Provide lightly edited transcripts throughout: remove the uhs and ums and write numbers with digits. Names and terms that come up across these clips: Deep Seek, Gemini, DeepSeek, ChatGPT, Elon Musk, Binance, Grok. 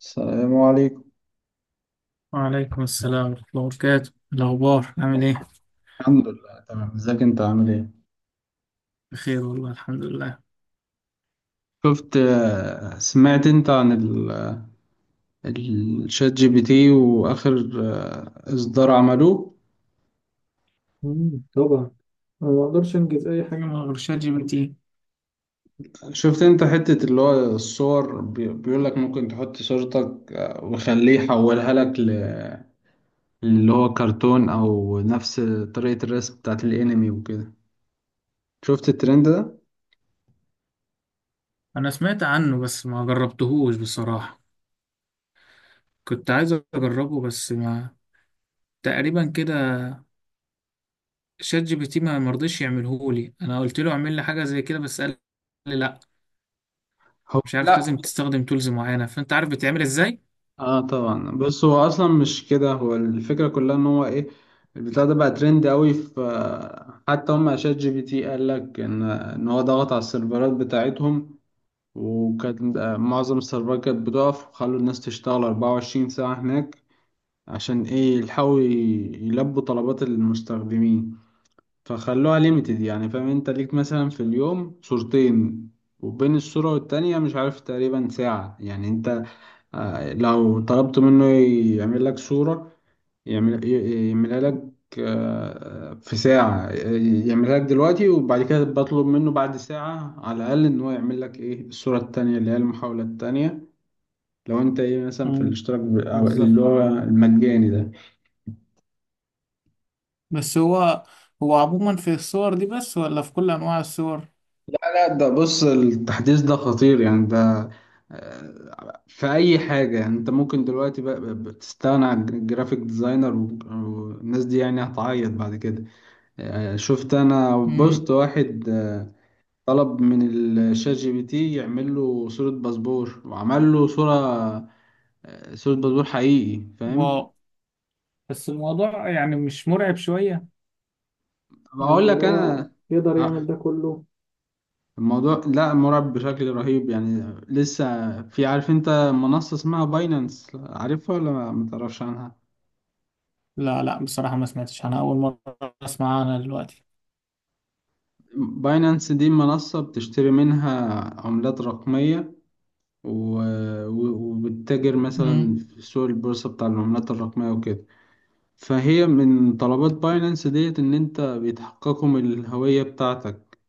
السلام عليكم. وعليكم السلام ورحمة الله وبركاته. الأخبار عامل إيه؟ الحمد لله تمام، ازيك انت عامل ايه؟ بخير والله، الحمد لله. شفت سمعت انت عن الشات جي بي تي واخر اصدار عملوه؟ طبعا. انا ما اقدرش انجز اي حاجه من غير شات جي بي تي. شفت انت حتة اللي هو الصور بيقول لك ممكن تحط صورتك وخليه يحولها لك اللي هو كرتون او نفس طريقة الرسم بتاعت الانمي وكده. شفت الترند ده؟ أنا سمعت عنه بس ما جربتهوش بصراحة. كنت عايز أجربه بس ما تقريبا كده. شات جي بي تي ما مرضيش يعملهولي، أنا قلت له اعمل لي حاجة زي كده بس قال لي لأ. هو مش عارف لا، لازم تستخدم تولز معينة، فأنت عارف بتعمل إزاي؟ اه طبعا. بص هو اصلا مش كده، هو الفكره كلها ان هو ايه، البتاع ده بقى ترند قوي، في حتى هم شات جي بي تي قال لك ان هو ضغط على السيرفرات بتاعتهم، وكانت معظم السيرفرات كانت بتقف وخلوا الناس تشتغل 24 ساعه هناك، عشان ايه يلحقوا يلبوا طلبات المستخدمين. فخلوها ليميتد، يعني فاهم، انت ليك مثلا في اليوم صورتين، وبين الصوره والتانيه مش عارف تقريبا ساعه، يعني انت لو طلبت منه يعمل لك صورة، يعمل يعملها لك في ساعة يعملها لك دلوقتي، وبعد كده بطلب منه بعد ساعة على الأقل إن هو يعمل لك إيه الصورة التانية اللي هي المحاولة التانية، لو أنت إيه مثلا في مم، الاشتراك أو اللي بالظبط. هو المجاني ده. بس هو هو عموما في الصور دي بس ولا في كل أنواع الصور؟ لا ده بص، التحديث ده خطير يعني. ده في أي حاجة، يعني أنت ممكن دلوقتي بتستغنى عن الجرافيك ديزاينر، والناس دي يعني هتعيط بعد كده. شفت انا بوست واحد طلب من الشات جي بي تي يعمل له صورة باسبور، وعمل له صورة صورة باسبور حقيقي فاهم. امم. بس الموضوع يعني مش مرعب شوية؟ يعني بقول اللي لك هو انا يقدر آه، يعمل ده كله؟ الموضوع لا مرعب بشكل رهيب يعني. لسه في، عارف انت منصة اسمها باينانس؟ عارفها ولا ما تعرفش عنها؟ لا لا، بصراحة ما سمعتش، أنا أول مرة أسمع عنها دلوقتي. باينانس دي منصة بتشتري منها عملات رقمية، و... وبتتاجر مثلا امم. في سوق البورصة بتاع العملات الرقمية وكده. فهي من طلبات باينانس ديت ان انت بيتحققوا من الهوية بتاعتك،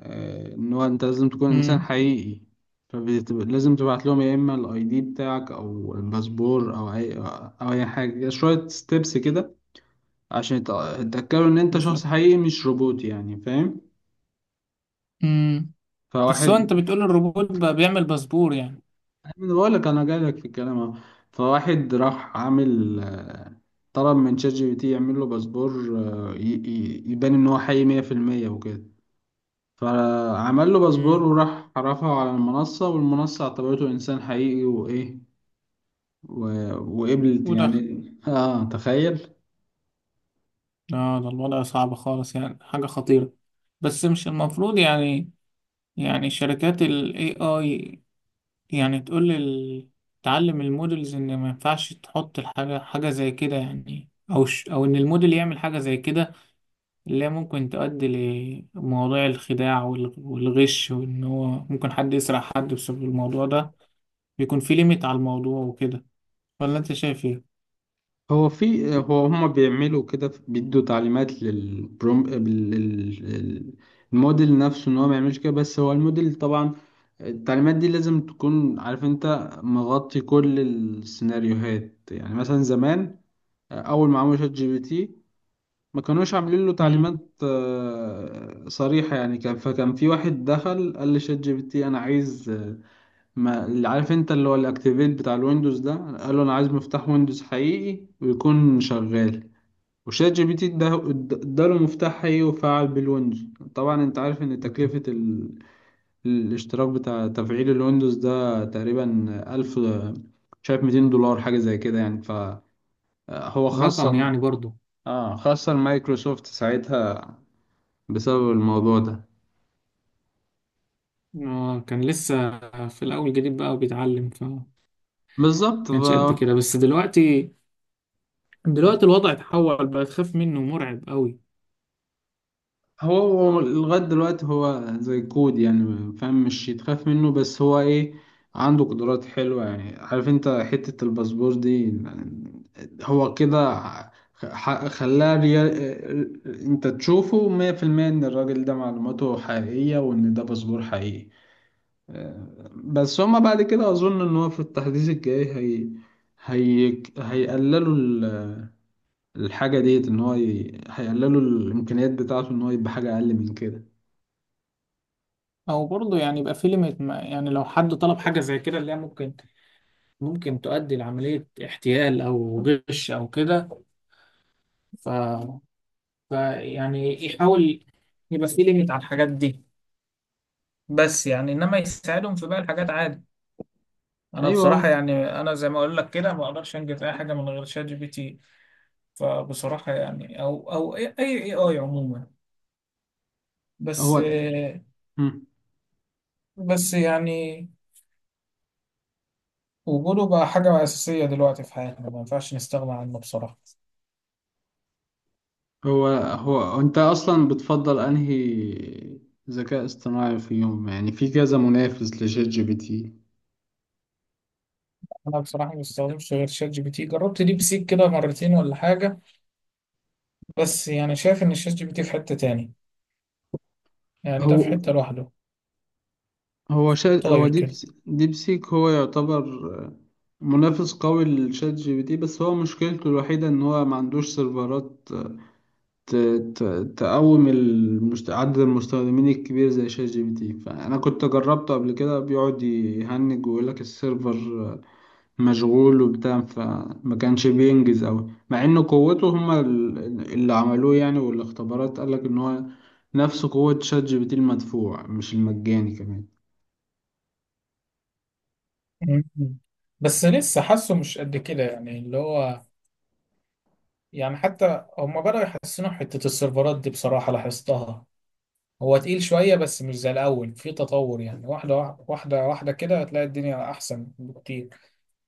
ان هو انت لازم تكون انسان امم، حقيقي. فلازم تبعت لهم يا اما الاي دي بتاعك او الباسبور او اي حاجة، شوية ستيبس كده عشان يتأكدوا ان انت شخص بالظبط. حقيقي مش روبوت يعني فاهم. امم. بس هو فواحد، أنت بتقول الروبوت بقى بيعمل باسبور يعني؟ انا بقول لك انا جاي لك في الكلام اهو. فواحد راح عامل طلب من شات جي بي تي يعمل له باسبور، يبان ان هو حقيقي 100% وكده. فعمل له باسبور امم. وراح رفعه على المنصة، والمنصة اعتبرته إنسان حقيقي وإيه و... وقبلت ودخل؟ يعني. آه تخيل. لا، ده الوضع صعب خالص يعني، حاجة خطيرة. بس مش المفروض يعني، يعني شركات ال AI يعني تقول لل... تعلم المودلز ان ما ينفعش تحط الحاجة حاجة زي كده يعني، او ش... او ان الموديل يعمل حاجة زي كده اللي هي ممكن تؤدي لمواضيع الخداع وال... والغش، وان هو ممكن حد يسرق حد بسبب الموضوع ده. بيكون في ليميت على الموضوع وكده، ولا انت شايف ايه؟ هو في، هما بيعملوا كده، بيدوا تعليمات للبروم الموديل نفسه إن هو ما يعملش كده، بس هو الموديل طبعا التعليمات دي لازم تكون عارف أنت مغطي كل السيناريوهات. يعني مثلا زمان أول ما عملوا شات جي بي تي ما كانوش عاملين له مم. تعليمات صريحة يعني. كان فكان في واحد دخل قال لشات جي بي تي انا عايز ما اللي، عارف انت اللي هو الاكتيفيت بتاع الويندوز ده، قال له انا عايز مفتاح ويندوز حقيقي ويكون شغال. وشات جي بي تي اداله مفتاح حقيقي وفعل بالويندوز. طبعا انت عارف ان تكلفة الاشتراك بتاع تفعيل الويندوز ده تقريبا ألف، شايف $200 حاجة زي كده يعني. فهو صح رقم خاصة، يعني برضو. اه خاصة مايكروسوفت ساعتها بسبب الموضوع ده. كان لسه في الأول جديد بقى وبيتعلم، فما بالظبط، كانش قد كده. بس دلوقتي دلوقتي الوضع اتحول، بقى تخاف منه، مرعب قوي. هو هو لغاية دلوقتي هو زي كود يعني فاهم، مش يتخاف منه بس هو ايه عنده قدرات حلوة يعني. عارف انت حتة الباسبور دي، هو كده خلاه ريال، انت تشوفه مية في المية ان الراجل ده معلوماته حقيقية وان ده باسبور حقيقي. بس هما بعد كده اظن ان هو في التحديث الجاي هي هيقللوا الحاجة ديت، إن هو هيقللوا الإمكانيات بتاعته إن هو يبقى حاجة أقل من كده. او برضه يعني يبقى في ليميت ما، يعني لو حد طلب حاجه زي كده اللي هي ممكن ممكن تؤدي لعمليه احتيال او غش او كده، ف... ف يعني يحاول يبقى في ليميت على الحاجات دي، بس يعني انما يساعدهم في باقي الحاجات عادي. انا بصراحه أيوه. يعني، انا زي ما اقول لك كده ما اقدرش انجز اي حاجه من غير شات جي بي تي، فبصراحه يعني او اي آي عموما. بس هو مم. بس يعني وجوده بقى حاجه اساسيه دلوقتي في حياتنا، ما ينفعش نستغنى عنه بصراحه. هو أنت أصلا بتفضل أنهي ذكاء اصطناعي في يوم، يعني في كذا منافس لشات جي بي تي؟ انا بصراحه ما بستخدمش غير شات جي بي تي، جربت ديب سيك كده مرتين ولا حاجه، بس يعني شايف ان الشات جي بي تي في حته تاني، يعني ده في هو حته لوحده هو طاير كده. ديب سيك هو يعتبر منافس قوي لشات جي بي تي، بس هو مشكلته الوحيدة إن هو ما عندوش سيرفرات ت- عدد المستخدمين الكبير زي شات جي بي تي. فأنا كنت جربته قبل كده بيقعد يهنج ويقول لك السيرفر مشغول وبتاع، فما كانش بينجز أوي. مع إن قوته، هما اللي عملوه يعني والاختبارات قال لك إن هو نفس قوة شات جي بي تي المدفوع مش المجاني كمان. مم. بس لسه حاسه مش قد كده، يعني اللي هو يعني حتى هما بدأوا يحسنوا حته السيرفرات دي بصراحه لاحظتها، هو تقيل شويه بس مش زي الاول، في تطور يعني واحده واحده واحده واحدة كده، هتلاقي الدنيا احسن بكتير.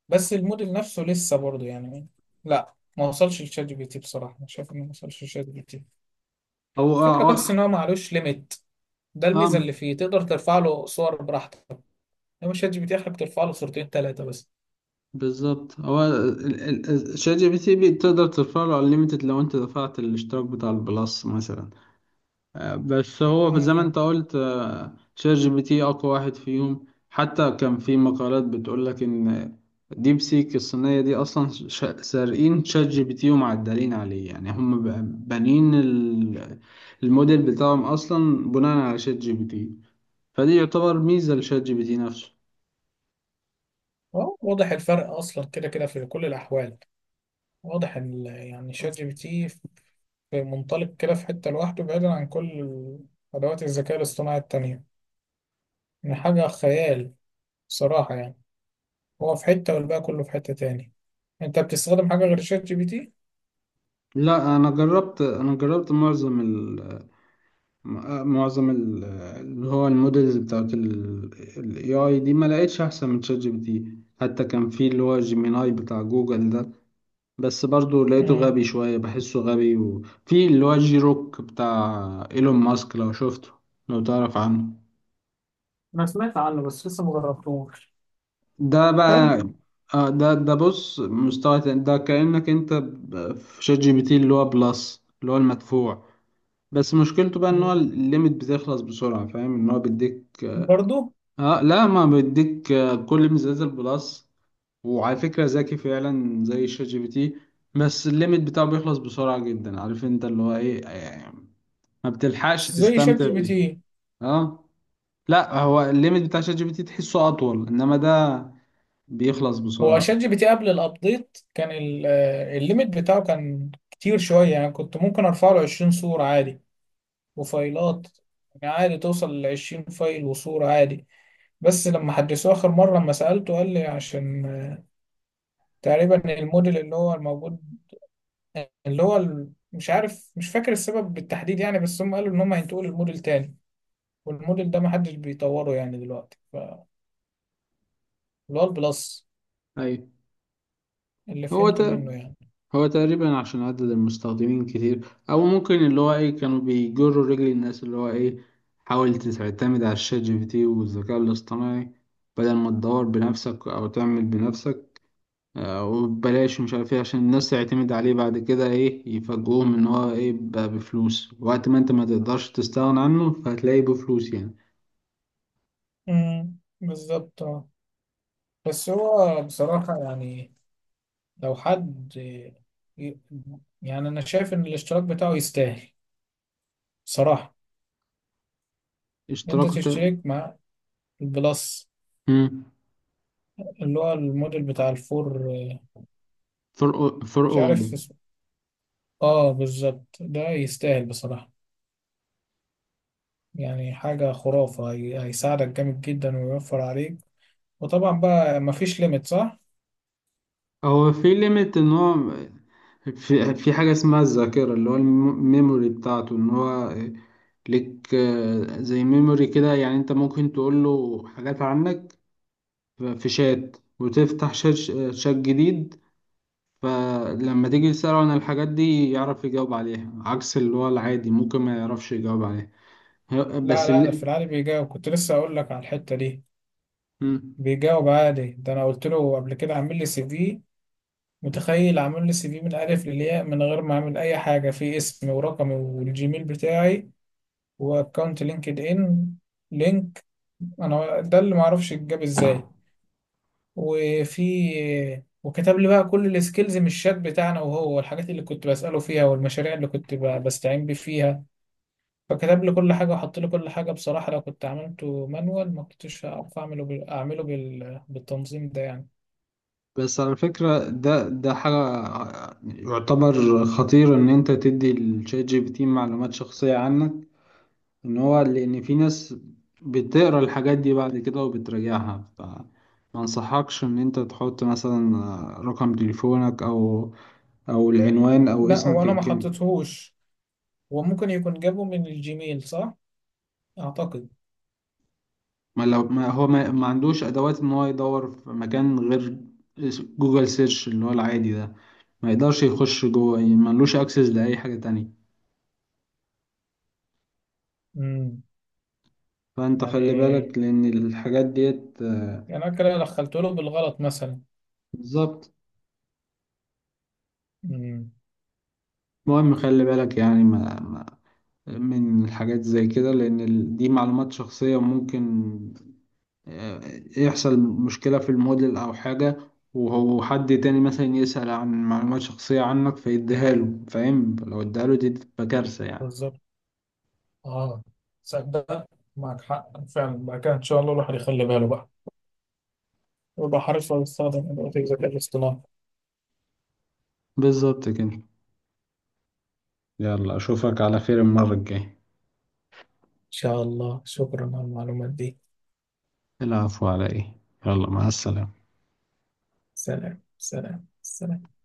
بس الموديل نفسه لسه برضه يعني لا ما وصلش لشات جي بي تي، بصراحه أنا شايف انه ما وصلش لشات جي بي تي. هو الفكرة اه بس ان آه. هو معلوش ليميت، ده الميزة آه، اللي فيه، تقدر ترفع له صور براحتك. لو شات جي بي تي آخرك ترفع له صورتين ثلاثة بس. بالظبط، هو شات جي بي تي تقدر ترفع له unlimited لو انت دفعت الاشتراك بتاع البلس مثلا. بس هو زي ما مم. انت قلت شات جي بي تي اقوى واحد فيهم. حتى كان في مقالات بتقول لك ان ديب سيك الصينية دي اصلا سارقين شات جي بي تي ومعدلين عليه. يعني هم بانين الموديل بتاعهم اصلا بناء على شات جي بي تي. فدي يعتبر ميزة لشات جي بي تي نفسه. أهو واضح الفرق أصلا كده كده في كل الأحوال، واضح ال- يعني شات جي بي تي في منطلق كده، في حتة لوحده بعيدا عن كل أدوات الذكاء الاصطناعي التانية، يعني حاجة خيال صراحة يعني. هو في حتة والباقي كله في حتة تاني. أنت بتستخدم حاجة غير شات جي بي تي؟ لا انا جربت، معظم معظم اللي هو المودلز بتاعت ال AI دي، ما لقيتش أحسن من شات جي بي تي. حتى كان في اللي هو جيميناي بتاع جوجل ده بس برضو لقيته مم. غبي شوية، بحسه غبي. وفي اللي هو جي روك بتاع إيلون ماسك، لو شفته لو تعرف عنه، انا سمعت عنه بس لسه مجربتوش. ده حلو. بقى ده بص مستوى تاني. ده كأنك انت في شات جي بي تي اللي هو بلس اللي هو المدفوع، بس مشكلته بقى ان هو مم. الليميت بتخلص بسرعة فاهم. ان هو بيديك، برضو. اه لا ما بيديك كل ميزات البلس، وعلى فكرة ذكي فعلا زي شات جي بي تي. بس الليميت بتاعه بيخلص بسرعة جدا عارف انت اللي هو ايه يعني، ما بتلحقش زي شات تستمتع جي بي تي. بيه. اه لا هو الليميت بتاع شات جي بي تي تحسه اطول، انما ده بيخلص هو شات بسرعة. جي بي تي قبل الابديت كان ال- الليميت بتاعه كان كتير شوية، يعني كنت ممكن ارفع له 20 صورة عادي وفايلات، يعني عادي توصل ل 20 فايل وصورة عادي. بس لما حدثوه آخر مرة لما سألته قال لي عشان تقريبا الموديل اللي هو الموجود اللي هو ال- مش عارف مش فاكر السبب بالتحديد يعني، بس هم قالوا إن هم هينتقلوا لموديل تاني، والموديل ده محدش بيطوره يعني دلوقتي، ف اللي هو البلس، ايوه اللي هو فهمته ده. منه يعني. هو تقريبا عشان عدد المستخدمين كتير، او ممكن اللي هو ايه، كانوا بيجروا رجل الناس اللي هو ايه حاول تعتمد على الشات جي بي تي والذكاء الاصطناعي بدل ما تدور بنفسك او تعمل بنفسك، وبلاش مش عارف ايه، عشان الناس تعتمد عليه بعد كده ايه يفاجئوهم ان هو ايه بقى بفلوس. وقت ما انت ما تقدرش تستغنى عنه فهتلاقيه بفلوس يعني. امم، بالظبط. بس هو بصراحة يعني لو حد ي- يعني أنا شايف إن الاشتراك بتاعه يستاهل بصراحة. أنت اشتراكه تا- تشترك مع البلس مم. اللي هو الموديل بتاع الفور، فرقه مش فرقه. عارف اسمه. آه بالظبط، ده يستاهل بصراحة، يعني حاجة خرافة، هي- هيساعدك جامد جدا ويوفر عليك. وطبعا بقى مفيش ليميت صح؟ هو في ليميت، ان هو في في حاجه اسمها الذاكره اللي هو الميموري بتاعته، ان هو ليك زي ميموري كده. يعني انت ممكن تقول له حاجات عنك في شات، وتفتح شات جديد. فلما تيجي تسأله عن الحاجات دي يعرف يجاوب عليها، عكس اللي هو العادي ممكن ما يعرفش يجاوب عليها. ه- لا بس لا، ده في اللي العادي بيجاوب، كنت لسه أقول لك على الحتة دي، مم. بيجاوب عادي. ده أنا قلت له قبل كده عامل لي سي في، متخيل؟ عامل لي سي في من الالف للياء من غير ما اعمل اي حاجه، في اسمي ورقمي والجيميل بتاعي واكونت لينكد ان، لينك. انا ده اللي معرفش اتجاب ازاي. وفي وكتب لي بقى كل السكيلز من الشات بتاعنا، وهو الحاجات اللي كنت بساله فيها والمشاريع اللي كنت ب- بستعين بيه فيها، فكتب لي كل حاجه وحط لي كل حاجه بصراحه، لو كنت عملته مانوال ما كنتش هعرف اعمله بال... اعمله بال... بالتنظيم ده يعني. بس على فكرة ده حاجة يعتبر خطير إن أنت تدي الشات جي بي تي معلومات شخصية عنك، ان هو لان في ناس بتقرا الحاجات دي بعد كده وبتراجعها. ف، ما انصحكش ان انت تحط مثلا رقم تليفونك او العنوان او لا هو اسمك انا ما الكامل. حطيتهوش، وممكن يكون جابه من الجيميل، صح أعتقد. ما لو ما هو ما عندوش ادوات ان هو يدور في مكان غير جوجل سيرش اللي هو العادي ده، ما يقدرش يخش جوه يعني، ما لوش اكسس لاي حاجه تانية. امم. فانت خلي يعني بالك لان الحاجات ديت، يعني أنا كده دخلت له بالغلط مثلا. بالظبط. امم، المهم خلي بالك يعني ما من الحاجات زي كده، لأن دي معلومات شخصية، ممكن آه، يحصل مشكلة في الموديل أو حاجة، وهو حد تاني مثلا يسأل عن معلومات شخصية عنك فيديها له، فاهم، لو اديها له دي تبقى كارثة يعني. بالظبط. اه صدق، معك حق فعلا. بعد كده إن شاء الله الواحد يخلي باله بقى، ويبقى حريص على يستخدم أدوات الذكاء الاصطناعي. إن بالظبط كده. يلا أشوفك على خير المرة الجاية. شاء الله، شكرا على المعلومات دي. العفو على إيه. يلا مع السلامة. سلام سلام سلام.